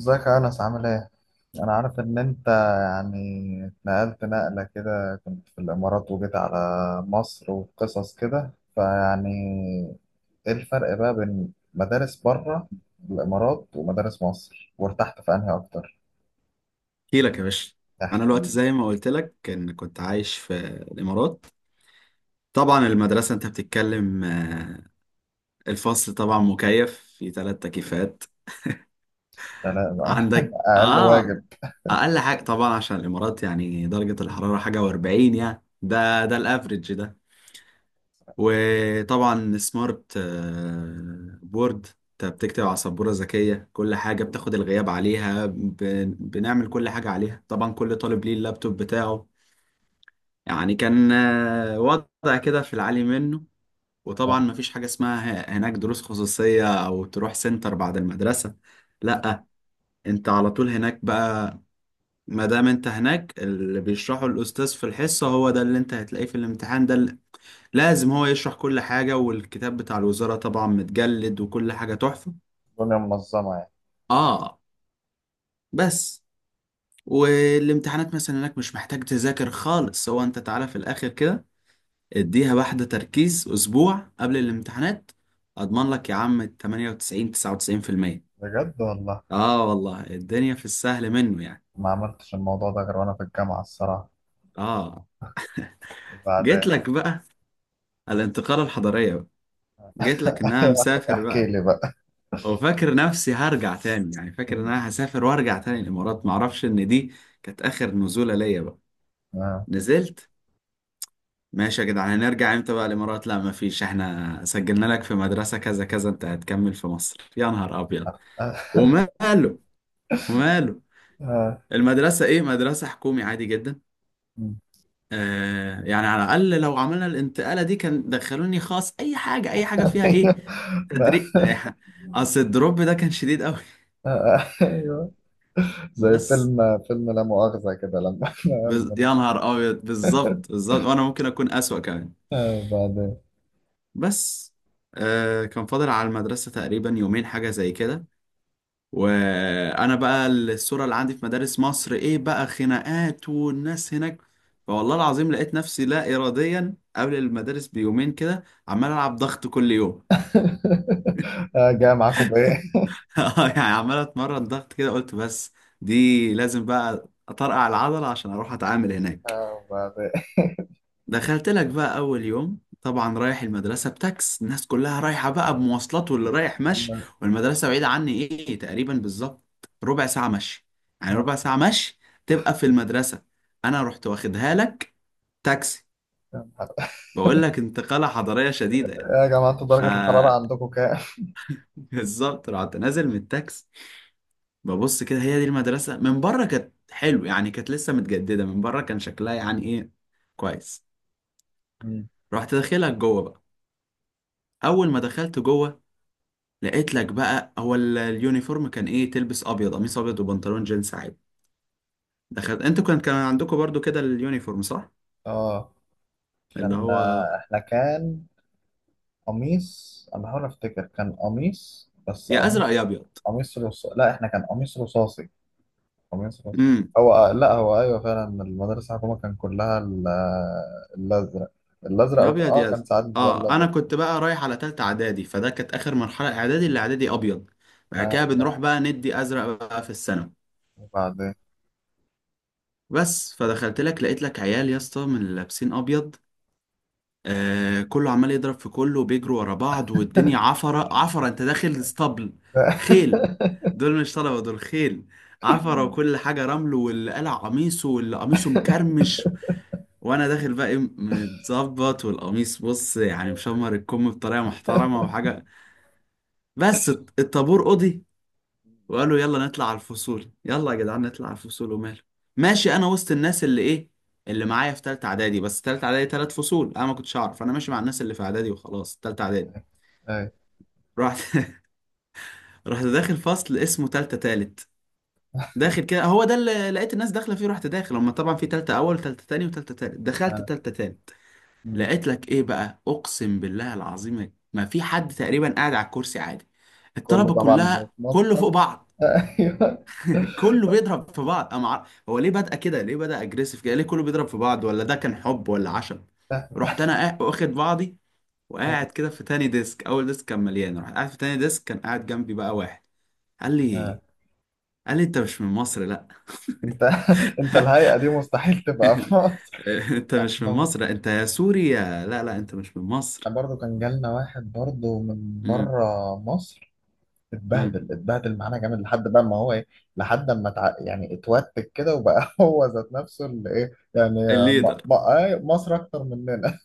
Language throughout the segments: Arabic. ازيك يا أنس، عامل إيه؟ أنا عارف إن أنت يعني اتنقلت نقلة كده، كنت في الإمارات وجيت على مصر وقصص كده، فيعني إيه الفرق بقى بين مدارس بره الإمارات ومدارس مصر؟ وارتحت في أنهي أكتر؟ احكي لك يا باشا. انا احكي الوقت لي. زي ما قلت لك كنت عايش في الامارات. طبعا المدرسه انت بتتكلم الفصل طبعا مكيف في ثلاث تكييفات. ده لا بقى عندك أقل واجب. اه اقل حاجه طبعا، عشان الامارات يعني درجه الحراره حاجه و40. يعني ده الافريج ده، وطبعا سمارت بورد، انت بتكتب على سبوره ذكيه كل حاجه بتاخد الغياب عليها بنعمل كل حاجه عليها، طبعا كل طالب ليه اللابتوب بتاعه. يعني كان وضع كده في العالي منه. وطبعا مفيش حاجة اسمها هناك دروس خصوصية أو تروح سنتر بعد المدرسة، لأ، أنت على طول هناك بقى. ما دام أنت هناك، اللي بيشرحه الأستاذ في الحصة هو ده اللي أنت هتلاقيه في الامتحان، ده اللي لازم هو يشرح كل حاجة، والكتاب بتاع الوزارة طبعا متجلد وكل حاجة تحفة. الدنيا منظمة يعني. آه، بس. والامتحانات مثلا هناك مش محتاج تذاكر خالص، هو أنت تعالى في الآخر كده اديها واحدة تركيز أسبوع قبل الامتحانات، أضمن لك يا عم 98، 99%. بجد والله. آه والله، الدنيا في السهل منه يعني. ما عملتش الموضوع ده غير وأنا في الجامعة الصراحة. آه. وبعدين؟ جيت لك بقى الانتقالة الحضارية بقى، جيت لك إن أنا مسافر احكي بقى. لي بقى. وفاكر نفسي هرجع تاني، يعني فاكر إن أنا هسافر وأرجع تاني الإمارات، معرفش إن دي كانت آخر نزولة ليا بقى. آه. نزلت، ماشي يا جدعان هنرجع امتى بقى الامارات؟ لا مفيش، احنا سجلنا لك في مدرسة كذا كذا انت هتكمل في مصر. يا نهار ابيض. وماله، وماله. المدرسة إيه؟ مدرسة حكومي عادي جدا. آه. آه يعني على الأقل لو عملنا الانتقالة دي كان دخلوني خاص، أي حاجة أي حاجة فيها إيه ده- تدريب. أصل الدروب ده كان شديد أوي. ايوه، زي بس فيلم لا مؤاخذة كده، لما يا نهار أبيض، بالظبط بالظبط، وأنا ممكن أكون أسوأ كمان. بعدين؟ بس آه كان فاضل على المدرسة تقريبا يومين حاجة زي كده، وانا بقى الصوره اللي عندي في مدارس مصر ايه بقى؟ خناقات والناس هناك. فوالله العظيم لقيت نفسي لا اراديا قبل المدارس بيومين كده عمال العب ضغط كل يوم. جاي معاكم بايه؟ يعني عمال اتمرن ضغط كده، قلت بس دي لازم بقى اطرقع العضله عشان اروح اتعامل هناك. بعدين؟ دخلت لك بقى اول يوم، طبعا رايح المدرسه بتاكس، الناس كلها رايحه بقى بمواصلات واللي رايح مشي، والمدرسه بعيده عني ايه تقريبا بالظبط؟ ربع ساعه مشي، يعني آه، ربع ساعه مشي تبقى في المدرسه. انا رحت واخدها لك تاكسي، كام حلقة؟ بقول لك انتقاله حضاريه شديده يعني. يا جماعة، انتوا ف درجة الحرارة عندكم كام؟ بالظبط. رحت نازل من التاكس، ببص كده هي دي المدرسه، من بره كانت حلو يعني، كانت لسه متجدده، من بره كان شكلها يعني ايه، كويس. مم. رحت داخلك جوه بقى. اول ما دخلت جوه لقيت لك بقى هو اليونيفورم كان ايه، تلبس ابيض، قميص ابيض وبنطلون جينز عادي. دخلت انتوا كان عندكم برضو كده اليونيفورم صح، اه، اللي كان هو احنا كان قميص، انا بحاول افتكر كان قميص، بس يا ازرق قميص، يا ابيض. قميص رصاصي. لا احنا كان قميص رصاصي، قميص خاص. امم. هو لا، هو ايوه فعلا المدرسه الحكومه كان كلها الازرق. الازرق يا ابيض اه يا كان ازرق. ساعات بيبقى اه انا الابيض. كنت بقى رايح على تالتة اعدادي، فده كانت اخر مرحلة اعدادي، اللي اعدادي ابيض، بعد ها كده بنروح بقى ندي ازرق بقى في الثانوي. وبعدين؟ بس فدخلت لك لقيت لك عيال يا اسطى من اللي لابسين ابيض، آه كله عمال يضرب في كله وبيجروا ورا بعض، والدنيا عفرة عفرة، انت داخل اسطبل خيل. دول مش طلبة، دول خيل. عفرة وكل حاجة رمل، واللي قلع قميصه واللي قميصه مكرمش، وانا داخل بقى ايه متظبط، والقميص بص يعني مشمر الكم بطريقة محترمة وحاجة. بس الطابور قضي، وقالوا يلا نطلع على الفصول، يلا يا جدعان نطلع على الفصول. وماله، ماشي، انا وسط الناس اللي ايه، اللي معايا في تالتة اعدادي، بس تالتة اعدادي تلات فصول انا ما كنتش اعرف، انا ماشي مع الناس اللي في اعدادي وخلاص تالتة اعدادي. ايوه. رحت. رحت داخل فصل اسمه تالتة تالت، داخل كده هو ده اللي لقيت الناس داخله فيه، رحت داخل، هما طبعا في تالتة اول تالتة تاني وتالتة تالت، دخلت آه. تالتة تالت. مم. لقيت لك ايه بقى؟ اقسم بالله العظيم ما في حد تقريبا قاعد على الكرسي عادي، كله الطلبه طبعا كلها كله فوق بيتنطط. بعض، ايوه. كله بيضرب في بعض. هو ليه بدأ كده؟ ليه بدأ اجريسيف كده؟ ليه كله بيضرب في بعض؟ ولا ده كان حب ولا عشم؟ رحت انا واخد بعضي، آه. وقاعد كده في تاني ديسك، اول ديسك كان مليان، رحت قاعد في تاني ديسك، كان قاعد جنبي بقى واحد، قال آه. لي، قال لي انت مش من مصر؟ لا. انت انت الهيئه دي مستحيل تبقى في مصر. انت مش من احنا مصر، انت يا سوريا؟ لا لا، انت مش من مصر. احنا برضو كان جالنا واحد برضو من امم. بره مصر. امم. اتبهدل اتبهدل معانا جامد لحد بقى ما هو ايه، لحد ما يعني اتوتك كده وبقى هو ذات نفسه اللي ايه يعني. م... الليدر. م... آه، مصر اكتر مننا.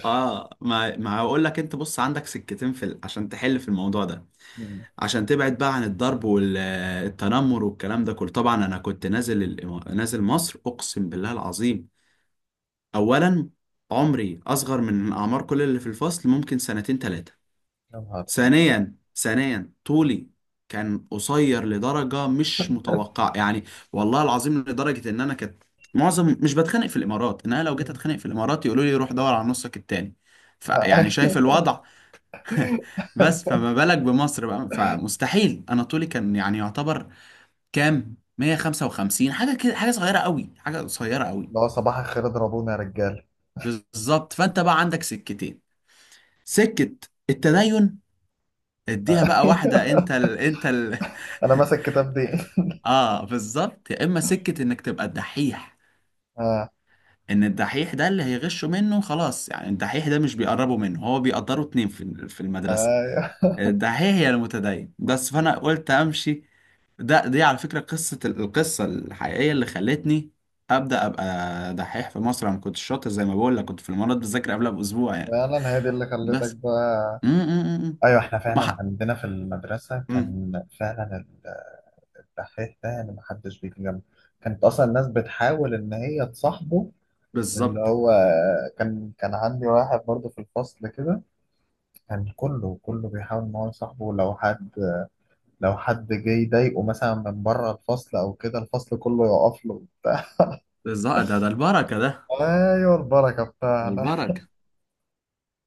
اه، ما هقول لك، انت بص عندك سكتين عشان تحل في الموضوع ده، مم. عشان تبعد بقى عن الضرب والتنمر والكلام ده كله. طبعا انا كنت نازل نازل مصر، اقسم بالله العظيم، اولا عمري اصغر من اعمار كل اللي في الفصل، ممكن سنتين ثلاثة. يا نهار أبيض. ثانيا، طولي كان قصير لدرجة مش متوقعة يعني. والله العظيم لدرجة ان انا كنت معظم مش بتخانق في الامارات، ان انا لو جيت مم. اتخانق في الامارات يقولوا لي روح دور على نصك التاني. فيعني آه. شايف الوضع. بس فما بالك بمصر بقى؟ فمستحيل. انا طولي كان يعني يعتبر كام، 155 حاجه كده، حاجه صغيره قوي، حاجه قصيره قوي. اللي هو صباح الخير اضربونا يا رجال. بالظبط. فانت بقى عندك سكتين، سكه التدين، اديها بقى واحده، انا ماسك كتاب دي. اه بالظبط. يا اما سكه انك تبقى الدحيح، اه. ان الدحيح ده اللي هيغشوا منه خلاص، يعني الدحيح ده مش بيقربوا منه، هو بيقدروا اتنين في المدرسه، ايوه الدحيح يا المتدين. بس فانا قلت امشي. دي على فكرة قصة، القصة الحقيقية اللي خلتني أبدأ أبقى دحيح في مصر، أنا ما كنتش شاطر زي ما بقول لك، كنت في الإمارات بذاكر قبلها بأسبوع يعني. فعلا، هي دي اللي خلتك بس. بقى. م- م- م- م. ايوه، احنا فعلا وبح... عندنا في المدرسه م. كان فعلا الدحيح ده يعني ما حدش بيجي جنبه، كانت اصلا الناس بتحاول ان هي تصاحبه، اللي بالظبط، هو كان عندي واحد برضه في الفصل كده، كان كله بيحاول ان هو يصاحبه، لو حد جه يضايقه مثلا من بره الفصل او كده، الفصل كله يقف له وبتاع. بالظبط، ده ده البركة ده، ايوه البركه بتاعنا. البركة.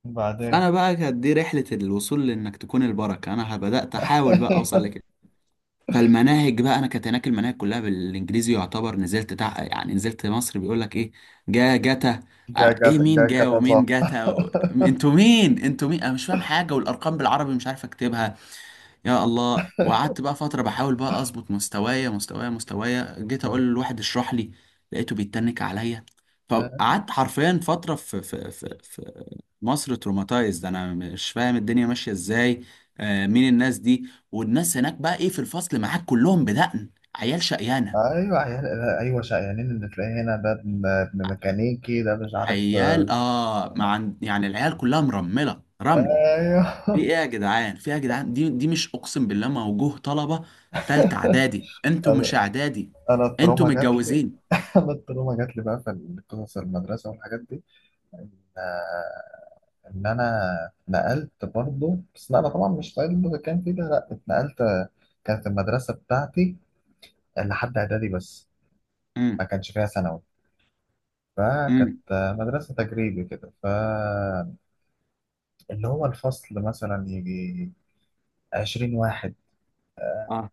بعدين؟ فأنا بقى كانت دي رحلة الوصول لإنك تكون البركة، أنا بدأت أحاول بقى أوصل لكده. فالمناهج بقى انا كانت هناك المناهج كلها بالانجليزي يعتبر، يعني نزلت مصر بيقول لك ايه، جا جاتا. جا جا ايه جا مين جا ومين كتظاهر. جاتا و... انتوا مين؟ انتوا مين؟ انا مش فاهم حاجه، والارقام بالعربي مش عارف اكتبها، يا الله. وقعدت بقى فتره بحاول بقى اظبط مستوايا، جيت اقول للواحد اشرح لي، لقيته بيتنك عليا. فقعدت حرفيا فتره مصر تروماتايزد، انا مش فاهم الدنيا ماشيه ازاي. آه مين الناس دي؟ والناس هناك بقى ايه في الفصل معاك، كلهم بدقن، عيال شقيانه. ايوه عيال. ايوه شقيانين، اللي تلاقيه هنا ده ابن ميكانيكي، ده مش عارف. عيال اه، مع يعني العيال كلها مرمله رمل. ايوه. في ايه يا جدعان؟ في ايه يا جدعان؟ دي مش اقسم بالله موجوه طلبه، تالتة اعدادي انتوا انا مش اعدادي، انا انتوا التروما جات لي. متجوزين. انا التروما جات لي بقى في قصص المدرسه والحاجات دي. آه، ان انا اتنقلت برضه، بس لا انا طبعا مش صعيدي في المتكامل فيه ده، لا اتنقلت. كانت المدرسه بتاعتي لحد اعدادي بس، امم. ما كانش فيها ثانوي، فكانت امم. مدرسه تجريبي كده، فاللي هو الفصل مثلا يجي 20 واحد، اه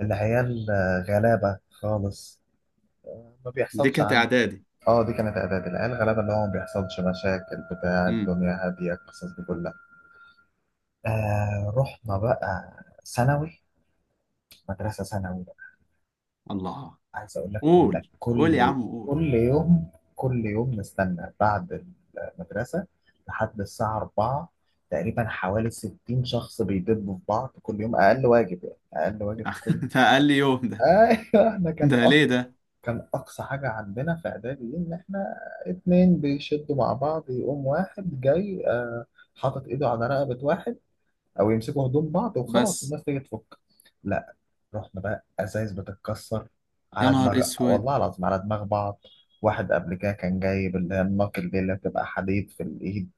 العيال غلابه خالص، ما دي بيحصلش كانت عندي. اعدادي. اه دي كانت اعدادي، العيال غلابه، اللي هو ما بيحصلش مشاكل بتاع امم. الدنيا، هاديه القصص دي كلها. آه رحنا بقى ثانوي، مدرسة ثانوي بقى. الله. عايز أقول لك كنا قول، قول يا عم قول. كل يوم، كل يوم نستنى بعد المدرسة لحد الساعة 4 تقريبا، حوالي 60 شخص بيدبوا في بعض كل يوم، أقل واجب يعني. أقل واجب كل ده اقل يوم ده؟ أيوه. إحنا كان ده ليه ده؟ كان أقصى حاجة عندنا في إعدادي دي إن إحنا اتنين بيشدوا مع بعض يقوم واحد جاي حاطط إيده على رقبة واحد، أو يمسكوا هدوم بعض وخلاص بس الناس تيجي تفك. لا، رحنا بقى ازايز بتتكسر يا على نهار دماغ، اسود، والله العظيم، على دماغ بعض. واحد قبل كده كان جايب اللي هي الناقل دي اللي بتبقى حديد في الايد.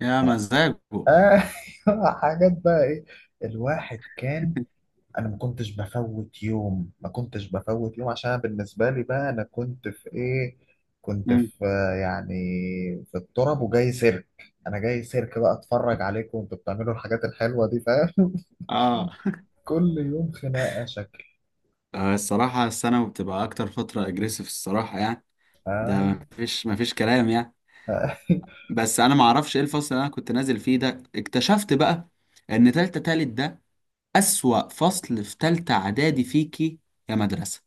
يا مزاجه. مم. ايوه. حاجات بقى ايه. الواحد كان، انا ما كنتش بفوت يوم، ما كنتش بفوت يوم عشان أنا بالنسبه لي بقى، انا كنت في ايه، كنت في يعني في التراب وجاي سيرك. انا جاي سيرك بقى اتفرج عليكم، وانتوا بتعملوا الحاجات الحلوه دي، فاهم. اه. كل يوم خناقه شكل. آه، الصراحة الثانوي بتبقى أكتر فترة أجريسيف الصراحة يعني. ده أيوة. مفيش مفيش كلام يعني. بس أنا معرفش إيه الفصل اللي أنا كنت نازل فيه ده، اكتشفت بقى إن تالتة تالت ده أسوأ فصل في تالتة إعدادي فيكي يا مدرسة.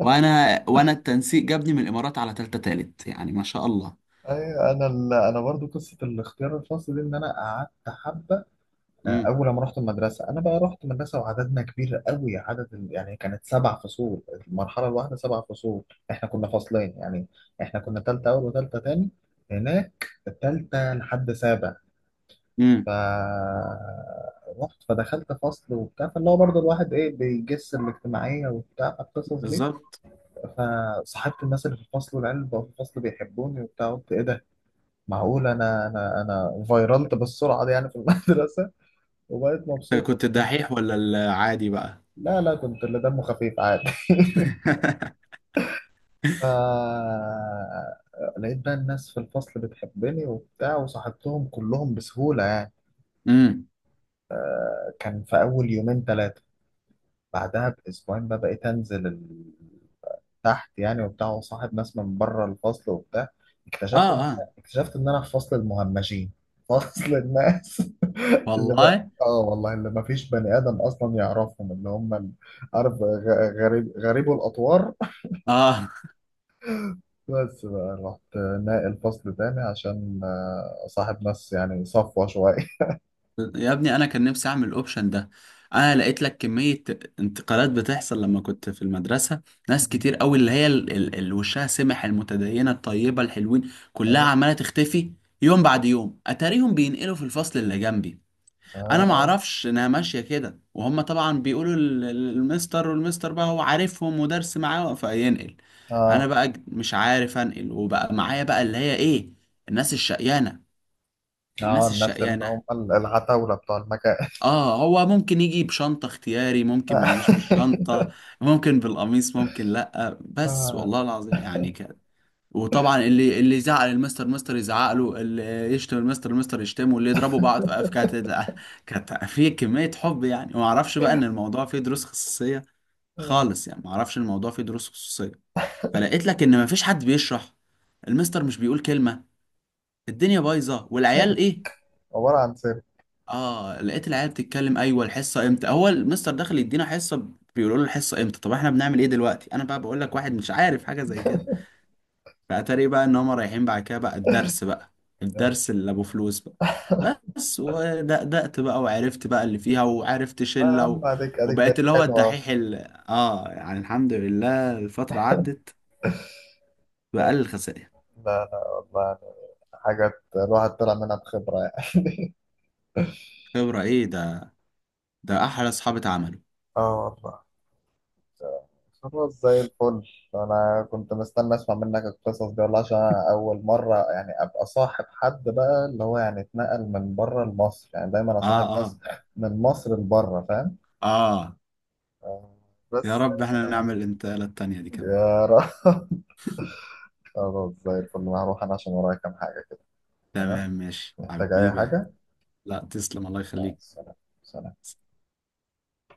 وأنا التنسيق جابني من الإمارات على تالتة تالت، يعني ما شاء الله. ايوه. انا برضو قصه الاختيار الخاص دي، ان انا قعدت حبه امم. اول ما رحت المدرسه. انا بقى رحت مدرسه وعددنا كبير قوي، عدد يعني كانت سبع فصول. المرحله الواحده سبع فصول. احنا كنا فصلين يعني. احنا كنا تالته اول وتالته تاني، هناك تالته لحد سابع. ف امم. رحت، فدخلت فصل وبتاع، فاللي هو برضه الواحد ايه بيجس الاجتماعيه وبتاع القصص دي. بالظبط. فصاحبت الناس اللي في الفصل، والعيال اللي بقوا في الفصل بيحبوني وبتاع. قلت ايه ده، معقول انا، انا فيرلت بالسرعه دي يعني في المدرسه. وبقيت أنت مبسوط كنت وبتاع. الدحيح ولا العادي بقى؟ لا، كنت اللي دمه خفيف عادي. ف لقيت بقى الناس في الفصل بتحبني وبتاع، وصاحبتهم كلهم بسهوله يعني. امم. كان في اول يومين ثلاثه، بعدها باسبوعين بقى بقيت انزل تحت يعني وبتاع، وصاحب ناس من بره الفصل وبتاع. اه. اكتشفت ان اه اكتشفت ان انا في فصل المهمشين، فصل الناس اللي بقى، والله. اه والله اللي ما فيش بني ادم اصلا يعرفهم، اللي هم عارف، غريب، غريبو الاطوار. اه. بس بقى رحت ناقل فصل تاني عشان صاحب ناس يعني صفوة شوية. يا ابني انا كان نفسي اعمل الاوبشن ده. انا لقيت لك كمية انتقالات بتحصل لما كنت في المدرسة، ناس كتير قوي اللي هي اللي وشها سمح المتدينة الطيبة الحلوين كلها اه. عمالة تختفي يوم بعد يوم، اتاريهم بينقلوا في الفصل اللي جنبي، انا ما اه. اعرفش انها ماشية كده، وهم طبعا بيقولوا المستر، والمستر بقى هو عارفهم ودرس معاه فينقل. انا اه. بقى مش عارف انقل، وبقى معايا بقى اللي هي ايه، الناس الشقيانة، الناس الناس اللي الشقيانة. هم العتاولة بتوع المكان. اه هو ممكن يجي بشنطة اختياري، ممكن ما يجيش بالشنطة، ممكن بالقميص، ممكن لأ، بس آه. والله العظيم يعني كده. وطبعا اللي يزعل المستر، مستر يزعق له، اللي يشتم المستر، المستر يشتمه، واللي يضربوا بعض في كانت لا، كانت في كمية حب يعني، وما اعرفش بقى ان الموضوع فيه دروس خصوصية آه. خالص، يعني ما اعرفش إن الموضوع فيه دروس خصوصية. فلقيت لك ان ما فيش حد بيشرح، المستر مش بيقول كلمة، الدنيا بايظة، والعيال ثابت، ايه، عبارة عن ثابت. اه لقيت العيال بتتكلم، ايوه الحصه امتى؟ هو المستر داخل يدينا حصه؟ بيقولوا له الحصه امتى؟ طب احنا بنعمل ايه دلوقتي؟ انا بقى بقول لك واحد مش عارف حاجه زي كده. فاتاري بقى ان هم رايحين بعد كده بقى الدرس بقى، اه، الدرس اللي ابو فلوس بقى. بس ودقدقت بقى وعرفت بقى اللي فيها، وعرفت يا شله و... عم اديك وبقيت بقت اللي هو حلوة. الدحيح اه يعني الحمد لله الفتره عدت لا، بأقل الخسائر. لا، لا، والله. حاجات الواحد طلع منها بخبرة يعني. خبره ايه ده؟ ده احلى اصحابي اتعملوا. اه والله، خلاص زي الفل. انا كنت مستني اسمع منك القصص دي والله، عشان أنا اول مرة يعني ابقى صاحب حد بقى اللي هو يعني اتنقل من بره لمصر، يعني دايما اه، اصاحب ناس اه. من مصر لبره، فاهم. اه آه. يا بس. رب احنا نعمل الانتقاله التانيه دي كمان. يا رب. خلاص زي الفل، أنا هروح انا عشان ورايا كام حاجة كده. تمام. تمام ماشي محتاج اي حبيبي يا أحمد. حاجة؟ لا تسلم، الله مع يخليك. السلامة. سلام.